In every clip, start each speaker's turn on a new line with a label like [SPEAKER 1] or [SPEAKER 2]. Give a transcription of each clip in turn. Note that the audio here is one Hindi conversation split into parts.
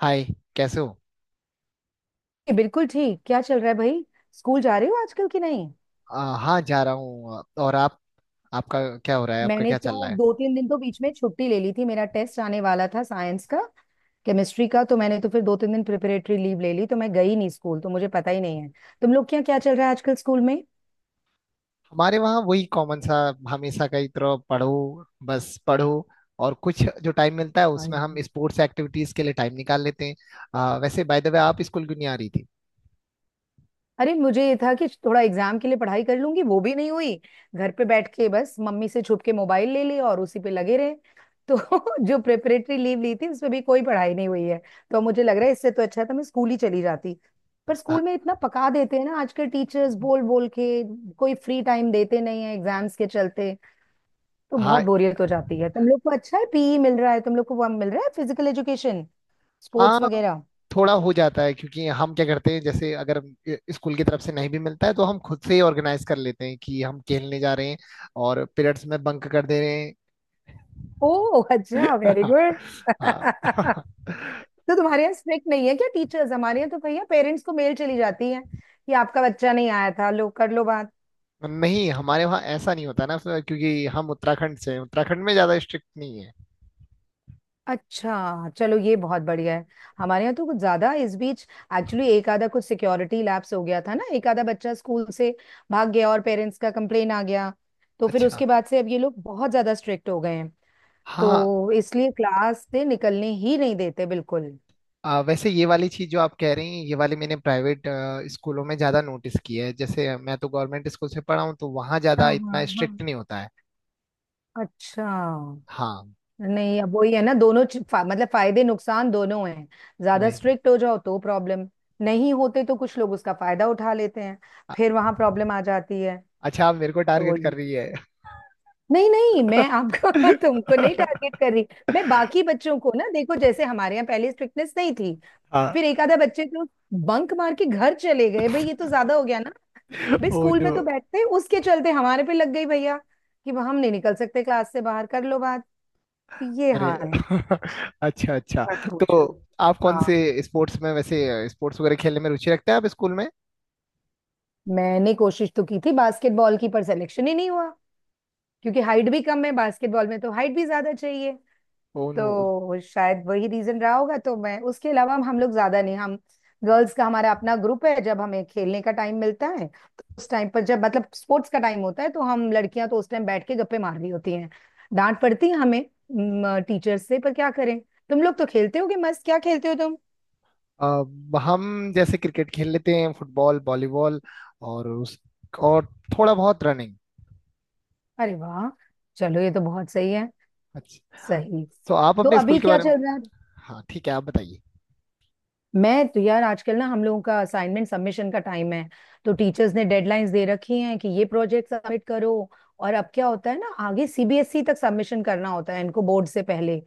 [SPEAKER 1] हाय। कैसे हो?
[SPEAKER 2] ये बिल्कुल ठीक। क्या चल रहा है भाई। स्कूल जा रहे हो आजकल कि नहीं।
[SPEAKER 1] हाँ, जा रहा हूँ। और आप? आपका क्या हो रहा है? आपका
[SPEAKER 2] मैंने
[SPEAKER 1] क्या चल
[SPEAKER 2] तो
[SPEAKER 1] रहा है?
[SPEAKER 2] दो तीन दिन तो बीच में छुट्टी ले ली थी, मेरा टेस्ट आने वाला था साइंस का, केमिस्ट्री का। तो मैंने तो फिर दो तीन दिन प्रिपरेटरी लीव ले ली, तो मैं गई नहीं स्कूल। तो मुझे पता ही नहीं है तुम लोग क्या क्या चल रहा है आजकल स्कूल
[SPEAKER 1] हमारे वहाँ वही कॉमन सा, हमेशा का ही तरह। पढ़ो, बस पढ़ो। और कुछ जो टाइम मिलता है उसमें हम
[SPEAKER 2] में।
[SPEAKER 1] स्पोर्ट्स एक्टिविटीज के लिए टाइम निकाल लेते हैं। वैसे बाय द वे, आप स्कूल क्यों नहीं आ रही थी?
[SPEAKER 2] अरे मुझे ये था कि थोड़ा एग्जाम के लिए पढ़ाई कर लूंगी, वो भी नहीं हुई। घर पे बैठ के बस मम्मी से छुप के मोबाइल ले लिया और उसी पे लगे रहे। तो जो प्रिपरेटरी लीव ली थी उसमें भी कोई पढ़ाई नहीं हुई है। तो मुझे लग रहा है इससे तो अच्छा था मैं स्कूल ही चली जाती। पर
[SPEAKER 1] हाँ,
[SPEAKER 2] स्कूल में इतना पका देते हैं ना आज के टीचर्स बोल बोल के। कोई फ्री टाइम देते नहीं है एग्जाम्स के चलते। तो बहुत
[SPEAKER 1] हाँ,
[SPEAKER 2] बोरियत हो जाती है। तुम लोग को अच्छा है, पीई मिल रहा है तुम लोग को, वो मिल रहा है, फिजिकल एजुकेशन,
[SPEAKER 1] हाँ,
[SPEAKER 2] स्पोर्ट्स वगैरह।
[SPEAKER 1] थोड़ा हो जाता है क्योंकि हम क्या करते हैं, जैसे अगर स्कूल की तरफ से नहीं भी मिलता है तो हम खुद से ही ऑर्गेनाइज कर लेते हैं कि हम खेलने जा रहे हैं, और पीरियड्स में बंक कर दे रहे हैं।
[SPEAKER 2] ओह अच्छा, वेरी गुड।
[SPEAKER 1] हाँ,
[SPEAKER 2] तो तुम्हारे यहाँ स्ट्रिक्ट नहीं है क्या टीचर्स। हमारे यहाँ तो भैया पेरेंट्स को मेल चली जाती है कि आपका बच्चा नहीं आया था। लो कर लो बात।
[SPEAKER 1] नहीं हमारे वहाँ ऐसा नहीं होता ना, फिर क्योंकि हम उत्तराखंड से हैं। उत्तराखंड में ज्यादा स्ट्रिक्ट नहीं है।
[SPEAKER 2] अच्छा चलो ये बहुत बढ़िया है। हमारे यहाँ तो कुछ ज्यादा इस बीच एक्चुअली एक आधा कुछ सिक्योरिटी लैप्स हो गया था ना, एक आधा बच्चा स्कूल से भाग गया और पेरेंट्स का कंप्लेन आ गया। तो फिर
[SPEAKER 1] अच्छा।
[SPEAKER 2] उसके बाद से अब ये लोग बहुत ज्यादा स्ट्रिक्ट हो गए हैं।
[SPEAKER 1] हाँ।
[SPEAKER 2] तो इसलिए क्लास से निकलने ही नहीं देते बिल्कुल।
[SPEAKER 1] वैसे ये वाली चीज जो आप कह रही हैं, ये वाली मैंने प्राइवेट स्कूलों में ज्यादा नोटिस की है। जैसे मैं तो गवर्नमेंट स्कूल से पढ़ा हूँ, तो वहाँ
[SPEAKER 2] हाँ
[SPEAKER 1] ज्यादा
[SPEAKER 2] हाँ
[SPEAKER 1] इतना
[SPEAKER 2] हाँ,
[SPEAKER 1] स्ट्रिक्ट नहीं होता है।
[SPEAKER 2] अच्छा।
[SPEAKER 1] हाँ।
[SPEAKER 2] नहीं अब वही है ना, दोनों मतलब फायदे नुकसान दोनों हैं। ज्यादा
[SPEAKER 1] वही।
[SPEAKER 2] स्ट्रिक्ट हो जाओ तो प्रॉब्लम, नहीं होते तो कुछ लोग उसका फायदा उठा लेते हैं,
[SPEAKER 1] अ-
[SPEAKER 2] फिर वहां प्रॉब्लम आ जाती है।
[SPEAKER 1] अच्छा, आप मेरे को
[SPEAKER 2] तो
[SPEAKER 1] टारगेट कर
[SPEAKER 2] ये-
[SPEAKER 1] रही है?
[SPEAKER 2] नहीं नहीं, मैं आपको तुमको नहीं टारगेट कर रही। मैं बाकी बच्चों को ना, देखो जैसे हमारे यहाँ पहले स्ट्रिक्टनेस नहीं थी,
[SPEAKER 1] हाँ।
[SPEAKER 2] फिर एक आधा बच्चे तो बंक मार के घर चले गए। भाई ये तो ज्यादा हो गया ना। भाई
[SPEAKER 1] ओ
[SPEAKER 2] स्कूल
[SPEAKER 1] नो।
[SPEAKER 2] में तो बैठते हैं, उसके चलते हमारे पे लग गई भैया कि हम नहीं निकल सकते क्लास से बाहर। कर लो बात। ये
[SPEAKER 1] अरे
[SPEAKER 2] हाल है।
[SPEAKER 1] अच्छा, अच्छा।
[SPEAKER 2] मत
[SPEAKER 1] तो
[SPEAKER 2] पूछो।
[SPEAKER 1] आप कौन
[SPEAKER 2] हाँ।
[SPEAKER 1] से स्पोर्ट्स में, वैसे स्पोर्ट्स वगैरह खेलने में रुचि रखते हैं आप स्कूल में?
[SPEAKER 2] मैंने कोशिश तो की थी बास्केटबॉल की पर सिलेक्शन ही नहीं हुआ, क्योंकि हाइट भी कम है, बास्केटबॉल में तो हाइट भी ज्यादा चाहिए।
[SPEAKER 1] Oh no.
[SPEAKER 2] तो शायद वही रीजन रहा होगा। तो मैं उसके अलावा हम लोग ज्यादा नहीं। हम गर्ल्स का हमारा अपना ग्रुप है। जब हमें खेलने का टाइम मिलता है तो उस टाइम पर, जब मतलब स्पोर्ट्स का टाइम होता है, तो हम लड़कियां तो उस टाइम बैठ के गप्पे मार रही होती हैं। डांट पड़ती है हमें टीचर से, पर क्या करें। तुम लोग तो खेलते होगे मस्त। क्या खेलते हो तुम।
[SPEAKER 1] अब हम जैसे क्रिकेट खेल लेते हैं, फुटबॉल, वॉलीबॉल, और उस और थोड़ा बहुत रनिंग।
[SPEAKER 2] अरे वाह, चलो ये तो बहुत सही है।
[SPEAKER 1] अच्छा।
[SPEAKER 2] सही।
[SPEAKER 1] तो आप
[SPEAKER 2] तो
[SPEAKER 1] अपने स्कूल
[SPEAKER 2] अभी
[SPEAKER 1] के
[SPEAKER 2] क्या
[SPEAKER 1] बारे में?
[SPEAKER 2] चल रहा है।
[SPEAKER 1] हाँ, ठीक है, आप बताइए।
[SPEAKER 2] मैं तो यार आजकल ना हम लोगों का असाइनमेंट सबमिशन का टाइम है। तो टीचर्स ने डेडलाइंस दे रखी हैं कि ये प्रोजेक्ट सबमिट करो। और अब क्या होता है ना, आगे सीबीएसई तक सबमिशन करना होता है इनको बोर्ड से पहले।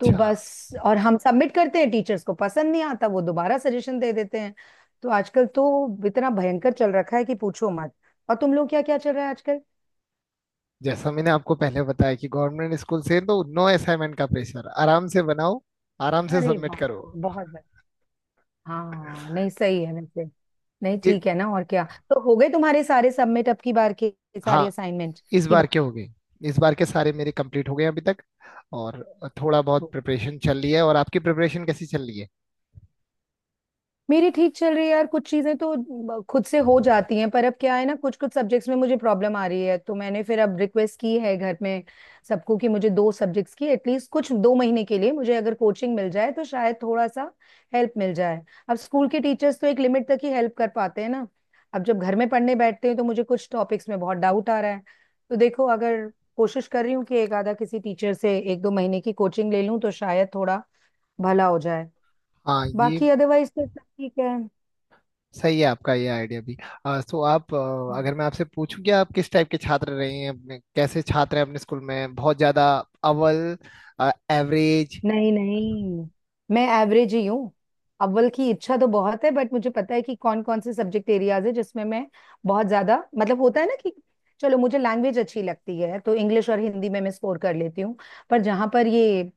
[SPEAKER 2] तो बस और हम सबमिट करते हैं, टीचर्स को पसंद नहीं आता, वो दोबारा सजेशन दे देते हैं। तो आजकल तो इतना भयंकर चल रखा है कि पूछो मत। और तुम लोग क्या क्या चल रहा है आजकल।
[SPEAKER 1] जैसा मैंने आपको पहले बताया कि गवर्नमेंट स्कूल से तो नो असाइनमेंट का प्रेशर। आराम से बनाओ, आराम से
[SPEAKER 2] अरे
[SPEAKER 1] सबमिट
[SPEAKER 2] वाह
[SPEAKER 1] करो।
[SPEAKER 2] बहुत। हाँ नहीं सही है वैसे। नहीं
[SPEAKER 1] ये।
[SPEAKER 2] ठीक है ना और क्या। तो हो गए तुम्हारे सारे सबमिट अब की बार के, सारी
[SPEAKER 1] हाँ,
[SPEAKER 2] असाइनमेंट
[SPEAKER 1] इस
[SPEAKER 2] की।
[SPEAKER 1] बार के हो गए। इस बार के सारे मेरे कंप्लीट हो गए अभी तक। और थोड़ा बहुत
[SPEAKER 2] बात।
[SPEAKER 1] प्रिपरेशन चल रही है। और आपकी प्रिपरेशन कैसी चल रही है?
[SPEAKER 2] मेरी ठीक चल रही है यार, कुछ चीजें तो खुद से हो जाती हैं, पर अब क्या है ना, कुछ कुछ सब्जेक्ट्स में मुझे प्रॉब्लम आ रही है। तो मैंने फिर अब रिक्वेस्ट की है घर में सबको कि मुझे दो सब्जेक्ट्स की एटलीस्ट कुछ 2 महीने के लिए मुझे अगर कोचिंग मिल जाए तो शायद थोड़ा सा हेल्प मिल जाए। अब स्कूल के टीचर्स तो एक लिमिट तक ही हेल्प कर पाते हैं ना। अब जब घर में पढ़ने बैठते हैं तो मुझे कुछ टॉपिक्स में बहुत डाउट आ रहा है। तो देखो अगर कोशिश कर रही हूँ कि एक आधा किसी टीचर से एक दो महीने की कोचिंग ले लूँ तो शायद थोड़ा भला हो जाए।
[SPEAKER 1] हाँ, ये
[SPEAKER 2] बाकी अदरवाइज तो सब ठीक है।
[SPEAKER 1] सही है आपका ये आइडिया भी। तो आप, अगर मैं आपसे पूछूं कि आप किस टाइप के छात्र रहे हैं अपने, कैसे छात्र हैं अपने स्कूल में? बहुत ज्यादा अव्वल? एवरेज?
[SPEAKER 2] नहीं नहीं, मैं एवरेज ही हूँ। अव्वल की इच्छा तो बहुत है बट मुझे पता है कि कौन कौन से सब्जेक्ट एरियाज है जिसमें मैं बहुत ज्यादा मतलब होता है ना कि, चलो मुझे लैंग्वेज अच्छी लगती है तो इंग्लिश और हिंदी में मैं स्कोर कर लेती हूँ। पर जहाँ पर ये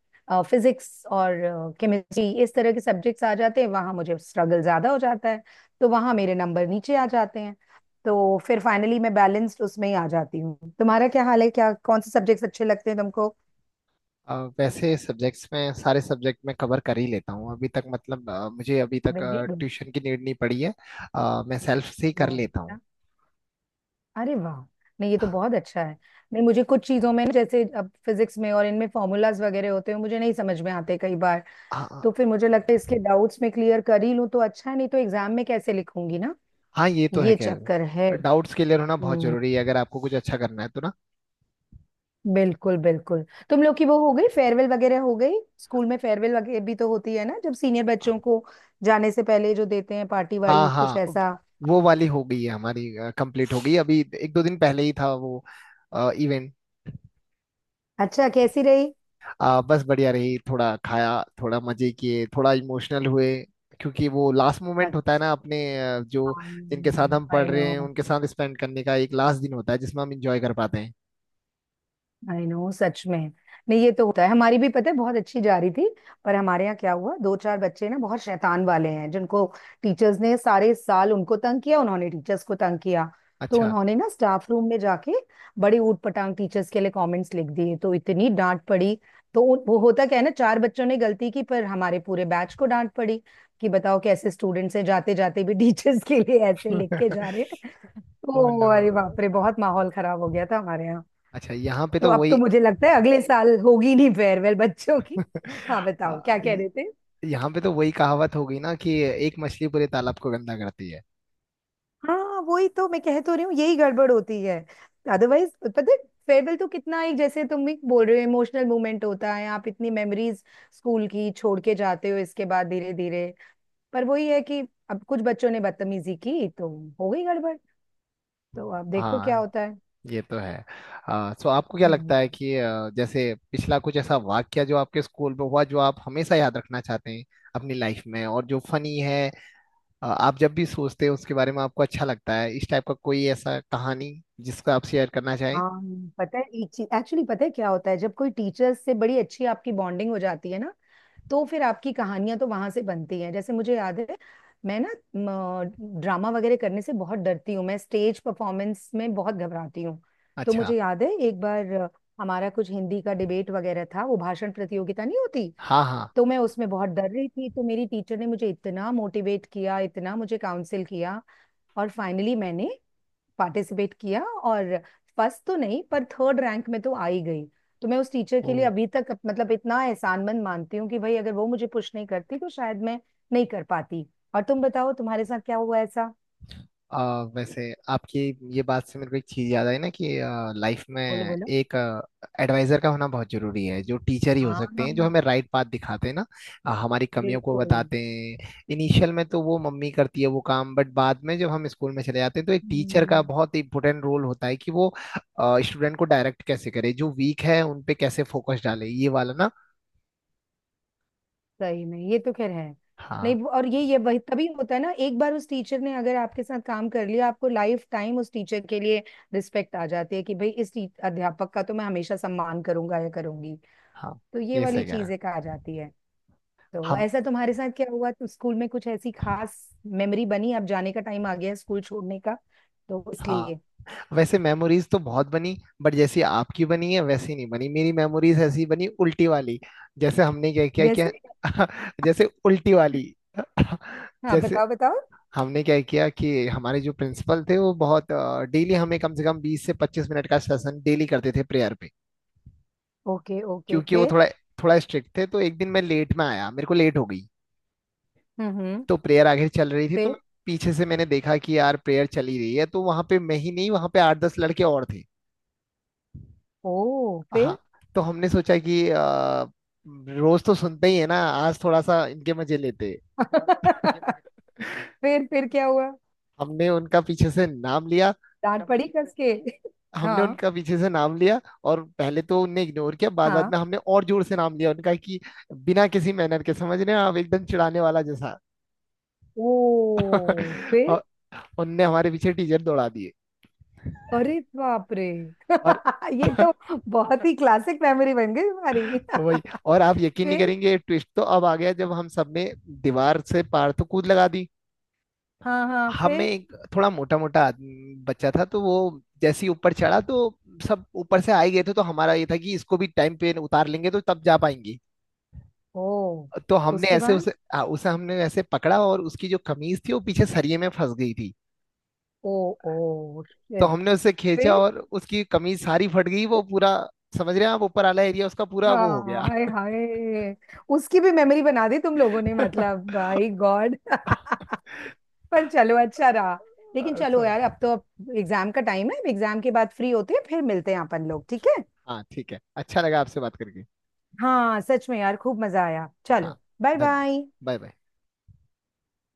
[SPEAKER 2] फिजिक्स और केमिस्ट्री इस तरह के सब्जेक्ट्स आ जाते हैं वहाँ मुझे स्ट्रगल ज्यादा हो जाता है। तो वहाँ मेरे नंबर नीचे आ जाते हैं। तो फिर फाइनली मैं बैलेंस्ड उसमें ही आ जाती हूँ। तुम्हारा क्या हाल है, क्या कौन से सब्जेक्ट्स अच्छे लगते हैं तुमको।
[SPEAKER 1] वैसे सब्जेक्ट्स में, सारे सब्जेक्ट में कवर कर ही लेता हूँ अभी तक। मतलब मुझे अभी तक
[SPEAKER 2] वेरी गुड।
[SPEAKER 1] ट्यूशन की नीड नहीं पड़ी है। मैं सेल्फ से ही कर
[SPEAKER 2] बहुत।
[SPEAKER 1] लेता हूँ।
[SPEAKER 2] अरे वाह। नहीं ये तो बहुत अच्छा है। नहीं मुझे कुछ चीजों में ना, जैसे अब फिजिक्स में और इनमें फॉर्मूलाज वगैरह होते हैं, मुझे नहीं समझ में आते कई बार।
[SPEAKER 1] हाँ, हाँ,
[SPEAKER 2] तो फिर मुझे लगता है इसके डाउट्स में क्लियर कर ही लूं तो अच्छा है, नहीं तो एग्जाम में कैसे लिखूंगी ना।
[SPEAKER 1] हाँ, ये तो है
[SPEAKER 2] ये
[SPEAKER 1] खैर।
[SPEAKER 2] चक्कर है।
[SPEAKER 1] डाउट्स क्लियर होना बहुत
[SPEAKER 2] हम्म।
[SPEAKER 1] जरूरी है अगर आपको कुछ अच्छा करना है तो ना।
[SPEAKER 2] बिल्कुल बिल्कुल। तुम लोग की वो हो गई, फेयरवेल वगैरह हो गई। स्कूल में फेयरवेल वगैरह भी तो होती है ना, जब सीनियर बच्चों को जाने से पहले जो देते हैं, पार्टी
[SPEAKER 1] हाँ,
[SPEAKER 2] वार्टी कुछ
[SPEAKER 1] हाँ। अब
[SPEAKER 2] ऐसा।
[SPEAKER 1] वो वाली हो गई है हमारी। कंप्लीट हो गई, अभी एक दो दिन पहले ही था वो इवेंट।
[SPEAKER 2] अच्छा कैसी रही।
[SPEAKER 1] बस बढ़िया रही। थोड़ा खाया, थोड़ा मजे किए, थोड़ा इमोशनल हुए। क्योंकि वो लास्ट मोमेंट होता है
[SPEAKER 2] अच्छा।
[SPEAKER 1] ना अपने, अ, जो जिनके साथ हम
[SPEAKER 2] आई
[SPEAKER 1] पढ़
[SPEAKER 2] नो
[SPEAKER 1] रहे हैं उनके साथ स्पेंड करने का एक लास्ट दिन होता है जिसमें हम इंजॉय कर पाते हैं।
[SPEAKER 2] आई नो सच में। नहीं ये तो होता है, हमारी भी पता है बहुत अच्छी जा रही थी। पर हमारे यहाँ क्या हुआ, दो चार बच्चे ना बहुत शैतान वाले हैं जिनको टीचर्स ने सारे साल उनको तंग किया, उन्होंने टीचर्स को तंग किया। तो
[SPEAKER 1] अच्छा।
[SPEAKER 2] उन्होंने ना स्टाफ रूम में जाके बड़ी ऊटपटांग टीचर्स के लिए कमेंट्स लिख दिए, तो इतनी डांट पड़ी। तो वो होता क्या है ना, चार बच्चों ने गलती की पर हमारे पूरे बैच को डांट पड़ी कि बताओ कैसे स्टूडेंट्स हैं, जाते जाते भी टीचर्स के लिए ऐसे लिख के जा रहे हैं।
[SPEAKER 1] Oh
[SPEAKER 2] तो अरे
[SPEAKER 1] no.
[SPEAKER 2] बाप रे, बहुत माहौल खराब हो गया था हमारे।
[SPEAKER 1] अच्छा,
[SPEAKER 2] तो अब तो मुझे लगता है अगले साल होगी नहीं फेयरवेल बच्चों की। हाँ बताओ क्या कह
[SPEAKER 1] Uh,
[SPEAKER 2] रहे थे।
[SPEAKER 1] यहाँ पे तो वही कहावत हो गई ना कि एक मछली पूरे तालाब को गंदा करती है।
[SPEAKER 2] हाँ वही तो मैं कह तो रही हूँ, यही गड़बड़ होती है। अदरवाइज पता है, फेयरवेल तो कितना एक, जैसे तुम भी बोल रहे हो, इमोशनल मोमेंट होता है। आप इतनी मेमोरीज स्कूल की छोड़ के जाते हो इसके बाद, धीरे धीरे। पर वही है कि अब कुछ बच्चों ने बदतमीजी की तो हो गई गड़बड़। तो अब देखो क्या
[SPEAKER 1] हाँ,
[SPEAKER 2] होता है।
[SPEAKER 1] ये तो है। सो आपको क्या
[SPEAKER 2] हम्म।
[SPEAKER 1] लगता है कि, जैसे पिछला कुछ ऐसा वाक्या जो आपके स्कूल में हुआ, जो आप हमेशा याद रखना चाहते हैं अपनी लाइफ में और जो फनी है, आप जब भी सोचते हैं उसके बारे में आपको अच्छा लगता है, इस टाइप का कोई ऐसा कहानी जिसको आप शेयर करना चाहें?
[SPEAKER 2] हाँ। पता है एक चीज एक्चुअली, पता है क्या होता है, जब कोई टीचर्स से बड़ी अच्छी आपकी बॉन्डिंग हो जाती है ना, तो फिर आपकी कहानियां तो वहां से बनती हैं। जैसे मुझे याद है, मैं ना ड्रामा वगैरह करने से बहुत डरती हूँ, मैं स्टेज परफॉर्मेंस में बहुत घबराती हूँ। तो
[SPEAKER 1] अच्छा।
[SPEAKER 2] मुझे याद है एक बार हमारा कुछ हिंदी का डिबेट वगैरह था, वो भाषण प्रतियोगिता नहीं होती।
[SPEAKER 1] हाँ, हाँ।
[SPEAKER 2] तो मैं उसमें बहुत डर रही थी, तो मेरी टीचर ने मुझे इतना मोटिवेट किया, इतना मुझे काउंसिल किया। और फाइनली मैंने पार्टिसिपेट किया और फर्स्ट तो नहीं पर थर्ड रैंक में तो आ ही गई। तो मैं उस टीचर के लिए
[SPEAKER 1] ओ।
[SPEAKER 2] अभी तक मतलब इतना एहसानमंद मानती हूँ कि भाई अगर वो मुझे पुश नहीं करती तो शायद मैं नहीं कर पाती। और तुम बताओ तुम्हारे साथ क्या हुआ ऐसा।
[SPEAKER 1] अ, वैसे आपकी ये बात से मेरे को एक चीज़ याद आई ना कि लाइफ में
[SPEAKER 2] बोलो बोलो।
[SPEAKER 1] एक एडवाइजर का होना बहुत जरूरी है, जो टीचर ही हो सकते
[SPEAKER 2] हाँ।
[SPEAKER 1] हैं, जो हमें राइट पाथ दिखाते हैं ना। हमारी कमियों को
[SPEAKER 2] बिल्कुल।
[SPEAKER 1] बताते हैं। इनिशियल में तो वो मम्मी करती है वो काम, बट बाद में जब हम स्कूल में चले जाते हैं तो एक टीचर का
[SPEAKER 2] हम्म,
[SPEAKER 1] बहुत इंपॉर्टेंट रोल होता है कि वो स्टूडेंट को डायरेक्ट कैसे करे, जो वीक है उन पे कैसे फोकस डाले, ये वाला ना।
[SPEAKER 2] सही में ये तो खैर है।
[SPEAKER 1] हाँ,
[SPEAKER 2] नहीं और ये वही तभी होता है ना, एक बार उस टीचर ने अगर आपके साथ काम कर लिया आपको लाइफ टाइम उस टीचर के लिए रिस्पेक्ट आ जाती है कि भाई इस अध्यापक का तो मैं हमेशा सम्मान करूंगा या करूंगी।
[SPEAKER 1] हाँ,
[SPEAKER 2] तो ये
[SPEAKER 1] ये
[SPEAKER 2] वाली
[SPEAKER 1] सही कह रहे हैं
[SPEAKER 2] चीजें कहा जाती है। तो
[SPEAKER 1] हम।
[SPEAKER 2] ऐसा तुम्हारे साथ क्या हुआ तो स्कूल में कुछ ऐसी खास मेमोरी बनी, अब जाने का टाइम आ गया है स्कूल छोड़ने का, तो
[SPEAKER 1] हाँ।
[SPEAKER 2] इसलिए।
[SPEAKER 1] वैसे मेमोरीज तो बहुत बनी, बट जैसी आपकी बनी है वैसी नहीं बनी। मेरी मेमोरीज ऐसी बनी, उल्टी वाली। जैसे हमने क्या किया
[SPEAKER 2] जैसे।
[SPEAKER 1] कि जैसे, उल्टी वाली।
[SPEAKER 2] हाँ
[SPEAKER 1] जैसे
[SPEAKER 2] बताओ बताओ।
[SPEAKER 1] हमने क्या किया कि हमारे जो प्रिंसिपल थे, वो बहुत डेली हमें कम से कम 20 से 25 मिनट का सेशन डेली करते थे प्रेयर पे।
[SPEAKER 2] ओके ओके
[SPEAKER 1] क्योंकि वो
[SPEAKER 2] फिर।
[SPEAKER 1] थोड़ा थोड़ा स्ट्रिक्ट थे, तो एक दिन मैं लेट में आया, मेरे को लेट हो गई।
[SPEAKER 2] हम्म।
[SPEAKER 1] तो प्रेयर आगे चल रही थी, तो
[SPEAKER 2] फिर।
[SPEAKER 1] मैं पीछे से मैंने देखा कि यार प्रेयर चली रही है, तो वहां पे मैं ही नहीं, वहां पे आठ दस लड़के और थे।
[SPEAKER 2] ओ
[SPEAKER 1] हाँ।
[SPEAKER 2] फिर।
[SPEAKER 1] तो हमने सोचा कि रोज तो सुनते ही है ना, आज थोड़ा सा इनके मजे लेते हैं।
[SPEAKER 2] फिर क्या हुआ।
[SPEAKER 1] हमने उनका पीछे से नाम लिया।
[SPEAKER 2] डांट पड़ी कस के।
[SPEAKER 1] हमने
[SPEAKER 2] हाँ
[SPEAKER 1] उनका पीछे से नाम लिया। और पहले तो उनने इग्नोर किया, बाद बाद
[SPEAKER 2] हाँ।
[SPEAKER 1] में हमने और जोर से नाम लिया उनका कि, बिना किसी मैनर के, समझ रहे हैं आप, एकदम चिढ़ाने वाला जैसा।
[SPEAKER 2] ओ फिर।
[SPEAKER 1] और उनने हमारे पीछे टीचर दौड़ा दिए,
[SPEAKER 2] अरे बाप रे।
[SPEAKER 1] और
[SPEAKER 2] ये तो बहुत ही क्लासिक मेमोरी बन गई हमारी।
[SPEAKER 1] वही। और आप यकीन नहीं
[SPEAKER 2] फिर।
[SPEAKER 1] करेंगे, ट्विस्ट तो अब आ गया जब हम सबने दीवार से पार तो कूद लगा दी।
[SPEAKER 2] हाँ हाँ।
[SPEAKER 1] हमें एक थोड़ा मोटा मोटा बच्चा था, तो वो जैसे ही ऊपर चढ़ा तो सब ऊपर से आए गए थे, तो हमारा ये था कि इसको भी टाइम पे उतार लेंगे तो तब जा पाएंगी।
[SPEAKER 2] ओ
[SPEAKER 1] तो हमने
[SPEAKER 2] उसके
[SPEAKER 1] ऐसे
[SPEAKER 2] बाद।
[SPEAKER 1] उसे, हाँ, उसे हमने ऐसे पकड़ा, और उसकी जो कमीज थी वो पीछे सरिये में फंस गई थी।
[SPEAKER 2] ओ ओ
[SPEAKER 1] तो
[SPEAKER 2] शिट।
[SPEAKER 1] हमने उसे खींचा
[SPEAKER 2] फिर।
[SPEAKER 1] और उसकी कमीज सारी फट गई, वो पूरा, समझ रहे हैं आप, ऊपर वाला एरिया उसका पूरा वो हो
[SPEAKER 2] हाँ
[SPEAKER 1] गया।
[SPEAKER 2] हाय हाय। उसकी भी मेमोरी बना दी तुम लोगों ने, मतलब बाय गॉड। पर चलो अच्छा रहा। लेकिन चलो
[SPEAKER 1] अच्छा।
[SPEAKER 2] यार अब तो, अब एग्जाम का टाइम है, एग्जाम के बाद फ्री होते हैं फिर मिलते हैं अपन लोग, ठीक है।
[SPEAKER 1] हाँ, ठीक है, अच्छा लगा आपसे बात करके।
[SPEAKER 2] हाँ सच में यार खूब मजा आया,
[SPEAKER 1] हाँ।
[SPEAKER 2] चलो। बाय
[SPEAKER 1] धन्य।
[SPEAKER 2] बाय।
[SPEAKER 1] Bye bye.